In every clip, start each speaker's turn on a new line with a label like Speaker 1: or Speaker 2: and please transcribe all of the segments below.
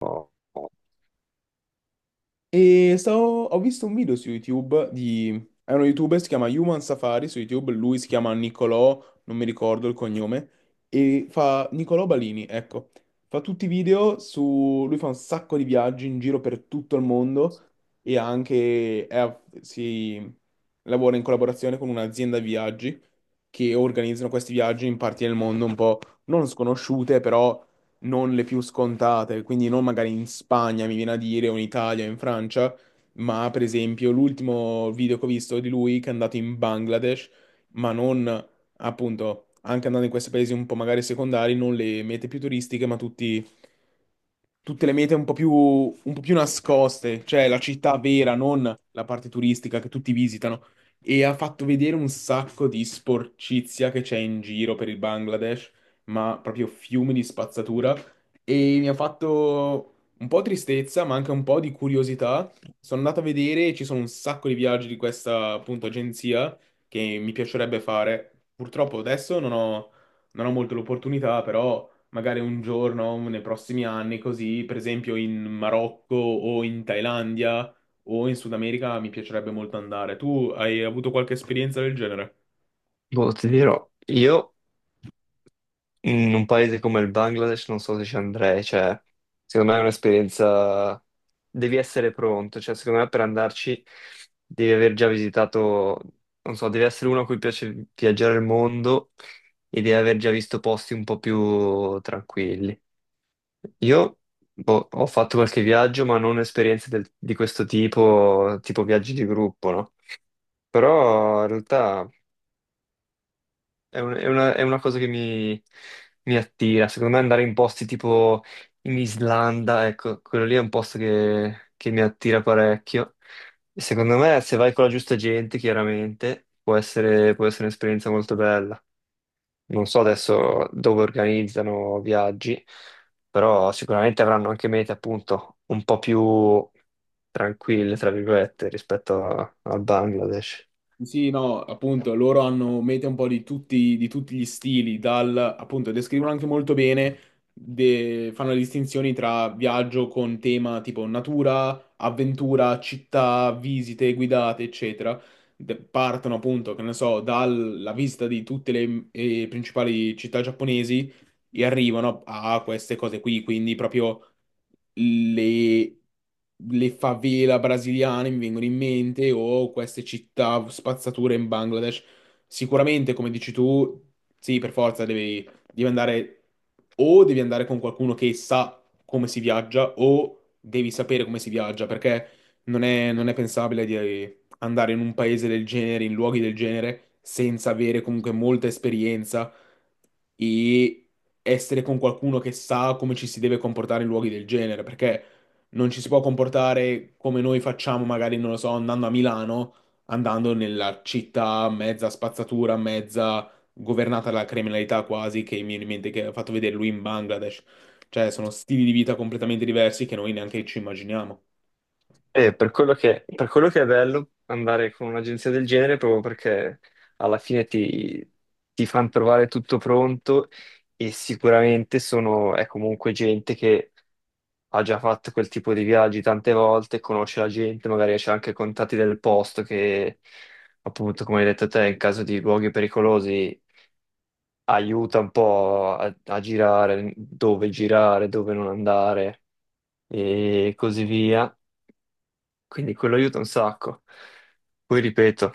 Speaker 1: Oh,
Speaker 2: Ho visto un video su YouTube È uno YouTuber, si chiama Human Safari su YouTube, lui si chiama Nicolò, non mi ricordo il cognome, e fa Nicolò Balini, ecco. Fa tutti i video Lui fa un sacco di viaggi in giro per tutto il mondo e anche è a- si lavora in collaborazione con un'azienda di viaggi che organizzano questi viaggi in parti del mondo un po' non sconosciute, però non le più scontate, quindi non magari in Spagna, mi viene a dire, o in Italia, o in Francia, ma per esempio l'ultimo video che ho visto di lui che è andato in Bangladesh, ma non appunto, anche andando in questi paesi un po' magari secondari, non le mete più turistiche, ma tutti tutte le mete un po' più nascoste, cioè la città vera, non la parte turistica che tutti visitano. E ha fatto vedere un sacco di sporcizia che c'è in giro per il Bangladesh, ma proprio fiumi di spazzatura, e mi ha fatto un po' tristezza, ma anche un po' di curiosità. Sono andato a vedere, ci sono un sacco di viaggi di questa, appunto, agenzia, che mi piacerebbe fare. Purtroppo adesso non ho molto l'opportunità, però magari un giorno, nei prossimi anni, così, per esempio in Marocco o in Thailandia o in Sud America mi piacerebbe molto andare. Tu hai avuto qualche esperienza del genere?
Speaker 1: boh, ti dirò, io in un paese come il Bangladesh non so se ci andrei, cioè, secondo me è un'esperienza, devi essere pronto, cioè, secondo me per andarci devi aver già visitato, non so, devi essere uno a cui piace viaggiare il mondo e devi aver già visto posti un po' più tranquilli. Io, boh, ho fatto qualche viaggio, ma non esperienze del- di questo tipo, tipo viaggi di gruppo, no? Però in realtà... È una cosa che mi attira. Secondo me andare in posti tipo in Islanda, ecco, quello lì è un posto che mi attira parecchio. E secondo me, se vai con la giusta gente, chiaramente, può essere un'esperienza molto bella. Non so adesso dove organizzano viaggi, però sicuramente avranno anche mete, appunto, un po' più tranquille, tra virgolette, rispetto a- al Bangladesh.
Speaker 2: Sì, no, appunto, loro hanno mete un po' di tutti gli stili, dal, appunto, descrivono anche molto bene, fanno le distinzioni tra viaggio con tema tipo natura, avventura, città, visite guidate, eccetera. Partono, appunto, che ne so, dalla visita di tutte le principali città giapponesi, e arrivano a queste cose qui, quindi proprio le, le favela brasiliane mi vengono in mente, o queste città spazzature in Bangladesh. Sicuramente, come dici tu, sì, per forza devi andare, o devi andare con qualcuno che sa come si viaggia, o devi sapere come si viaggia, perché non è pensabile di andare in un paese del genere, in luoghi del genere, senza avere comunque molta esperienza, e essere con qualcuno che sa come ci si deve comportare in luoghi del genere, perché non ci si può comportare come noi facciamo, magari, non lo so, andando a Milano, andando nella città mezza spazzatura, mezza governata dalla criminalità quasi, che mi viene in mente che ha fatto vedere lui in Bangladesh. Cioè, sono stili di vita completamente diversi che noi neanche ci immaginiamo.
Speaker 1: Per quello che è bello andare con un'agenzia del genere, proprio perché alla fine ti fanno trovare tutto pronto e sicuramente è comunque gente che ha già fatto quel tipo di viaggi tante volte, conosce la gente, magari c'è anche contatti del posto che, appunto, come hai detto te, in caso di luoghi pericolosi aiuta un po' a girare, dove non andare e così via. Quindi quello aiuta un sacco. Poi ripeto,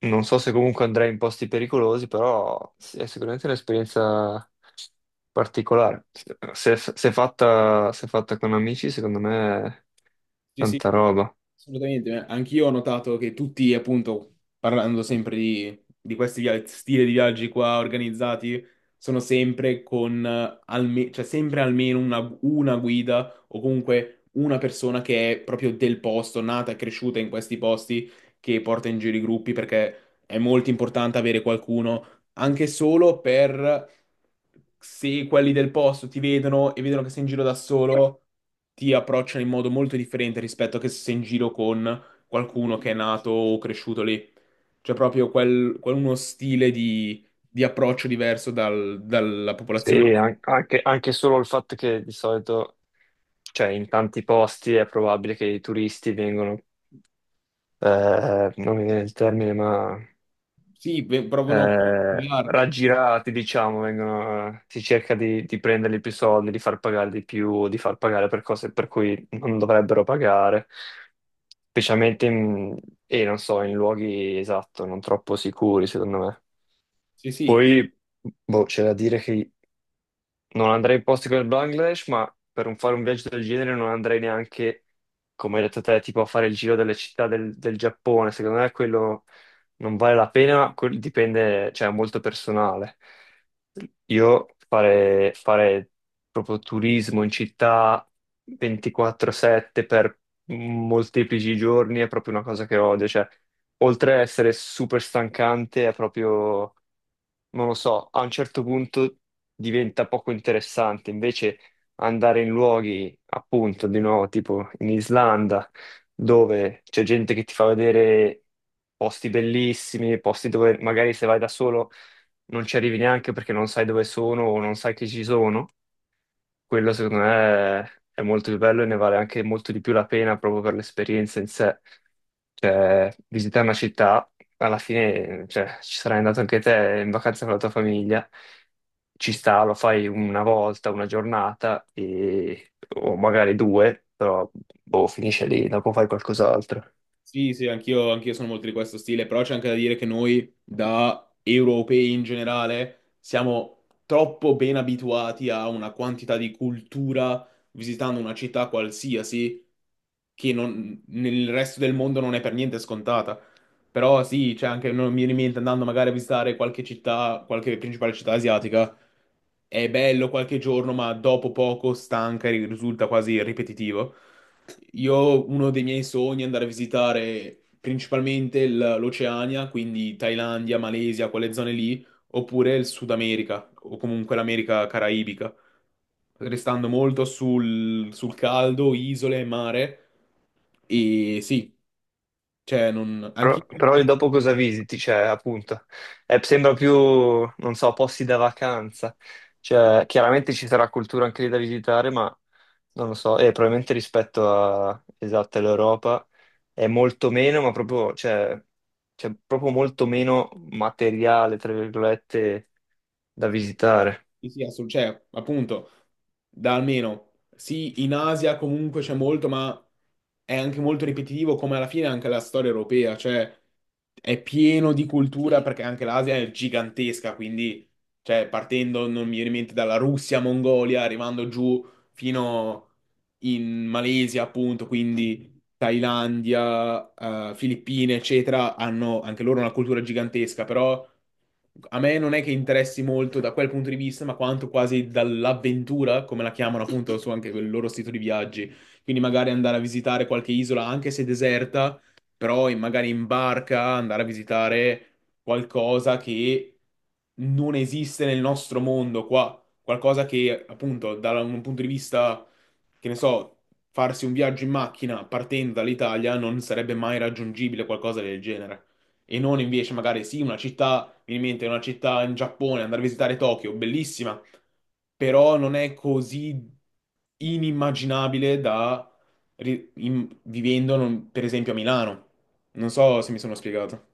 Speaker 1: non so se comunque andrei in posti pericolosi, però sì, è sicuramente un'esperienza particolare. Se fatta con amici, secondo me è
Speaker 2: Sì, sì,
Speaker 1: tanta roba.
Speaker 2: assolutamente, eh. Anch'io ho notato che tutti, appunto, parlando sempre di questi stili di viaggi qua organizzati, sono sempre con cioè sempre una guida, o comunque una persona che è proprio del posto, nata e cresciuta in questi posti, che porta in giro i gruppi, perché è molto importante avere qualcuno anche solo per, se quelli del posto ti vedono e vedono che sei in giro da solo, ti approcciano in modo molto differente rispetto a che se sei in giro con qualcuno che è nato o cresciuto lì. C'è proprio uno stile di approccio diverso dalla
Speaker 1: Sì,
Speaker 2: popolazione.
Speaker 1: an- anche, anche solo il fatto che di solito, cioè in tanti posti è probabile che i turisti vengono, non mi viene il termine, ma
Speaker 2: Sì, provano a spiegarli.
Speaker 1: raggirati, diciamo, vengono, si cerca di prenderli più soldi, di far pagare di più, di far pagare per cose per cui non dovrebbero pagare, specialmente in, e non so, in luoghi esatto, non troppo sicuri, secondo me.
Speaker 2: Sì, sì.
Speaker 1: Poi, boh, c'è da dire che non andrei in posti come il Bangladesh, ma per un- fare un viaggio del genere non andrei neanche, come hai detto te, tipo a fare il giro delle città del, del Giappone. Secondo me quello non vale la pena, quel- dipende, cioè è molto personale. Io fare, fare proprio turismo in città 24/7 per molteplici giorni è proprio una cosa che odio. Cioè, oltre a essere super stancante, è proprio non lo so, a un certo punto diventa poco interessante. Invece andare in luoghi, appunto, di nuovo, tipo in Islanda, dove c'è gente che ti fa vedere posti bellissimi, posti dove magari se vai da solo non ci arrivi neanche perché non sai dove sono o non sai che ci sono. Quello secondo me è molto più bello e ne vale anche molto di più la pena proprio per l'esperienza in sé. Cioè, visitare una città, alla fine, cioè, ci sarai andato anche te in vacanza con la tua famiglia, ci sta, lo fai una volta, una giornata, e- o magari due, però boh, finisce lì, dopo fai qualcos'altro.
Speaker 2: Sì, sì, anch'io sono molto di questo stile, però c'è anche da dire che noi, da europei in generale, siamo troppo ben abituati a una quantità di cultura visitando una città qualsiasi, che nel resto del mondo non è per niente scontata. Però sì, c'è anche, non mi viene in mente, andando magari a visitare qualche città, qualche principale città asiatica, è bello qualche giorno, ma dopo poco stanca e risulta quasi ripetitivo. Io, uno dei miei sogni è andare a visitare principalmente l'Oceania, quindi Thailandia, Malesia, quelle zone lì, oppure il Sud America, o comunque l'America caraibica, restando molto sul caldo, isole, mare, e sì, cioè non... anche
Speaker 1: Però lì dopo cosa visiti? Cioè, appunto, sembra più, non so, posti da vacanza. Cioè, chiaramente ci sarà cultura anche lì da visitare, ma non lo so, e probabilmente rispetto a, esatto, all'Europa è molto meno, ma proprio, cioè, c'è proprio molto meno materiale, tra virgolette, da visitare.
Speaker 2: sì, sì, cioè, appunto, da almeno, sì, in Asia comunque c'è molto, ma è anche molto ripetitivo, come alla fine anche la storia europea, cioè è pieno di cultura perché anche l'Asia è gigantesca, quindi, cioè, partendo, non mi viene in mente, dalla Russia, Mongolia, arrivando giù fino in Malesia, appunto, quindi Thailandia, Filippine, eccetera, hanno anche loro una cultura gigantesca, però a me non è che interessi molto da quel punto di vista, ma quanto quasi dall'avventura, come la chiamano appunto su anche il loro sito di viaggi. Quindi magari andare a visitare qualche isola, anche se deserta, però magari in barca andare a visitare qualcosa che non esiste nel nostro mondo qua. Qualcosa che appunto da un punto di vista, che ne so, farsi un viaggio in macchina partendo dall'Italia non sarebbe mai raggiungibile, qualcosa del genere. E non invece magari sì, una città, mi viene in mente una città in Giappone, andare a visitare Tokyo, bellissima, però non è così inimmaginabile da vivendo, per esempio, a Milano. Non so se mi sono spiegato.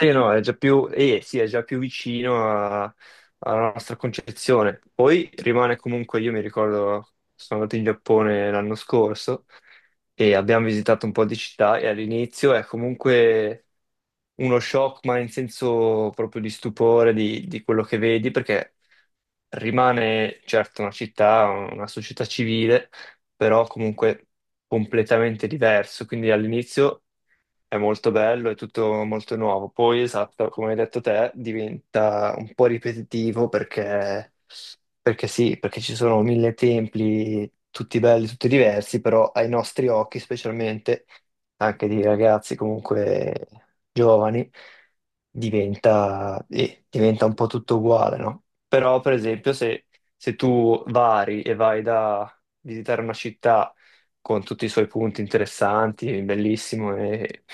Speaker 1: Sì, no, è già sì, è già più vicino a- alla nostra concezione. Poi rimane comunque, io mi ricordo, sono andato in Giappone l'anno scorso e abbiamo visitato un po' di città e all'inizio è comunque uno shock, ma in senso proprio di stupore di quello che vedi, perché rimane certo una città, una società civile, però comunque completamente diverso. Quindi all'inizio è molto bello, è tutto molto nuovo. Poi, esatto, come hai detto te, diventa un po' ripetitivo perché sì, perché ci sono mille templi, tutti belli, tutti diversi, però ai nostri occhi, specialmente anche di ragazzi comunque giovani, diventa un po' tutto uguale, no? Però, per esempio, se tu vari e vai da visitare una città con tutti i suoi punti interessanti, bellissimo e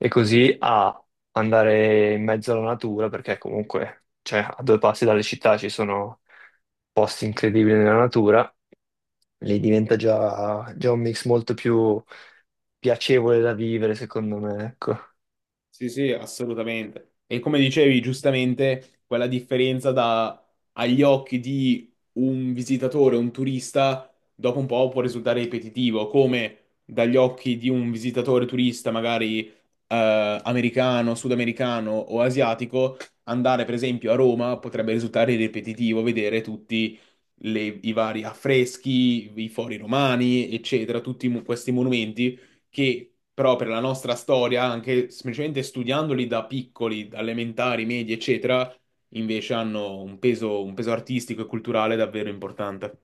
Speaker 1: così a andare in mezzo alla natura, perché comunque, cioè, a due passi dalle città ci sono posti incredibili nella natura, lì diventa già un mix molto più piacevole da vivere, secondo me, ecco.
Speaker 2: Sì, sì, assolutamente. E come dicevi giustamente, quella differenza da agli occhi di un visitatore, un turista, dopo un po' può risultare ripetitivo, come dagli occhi di un visitatore turista, magari americano, sudamericano o asiatico, andare per esempio a Roma potrebbe risultare ripetitivo vedere tutti i vari affreschi, i fori romani, eccetera, tutti questi monumenti, che però per la nostra storia, anche semplicemente studiandoli da piccoli, da elementari, medi, eccetera, invece hanno un peso artistico e culturale davvero importante.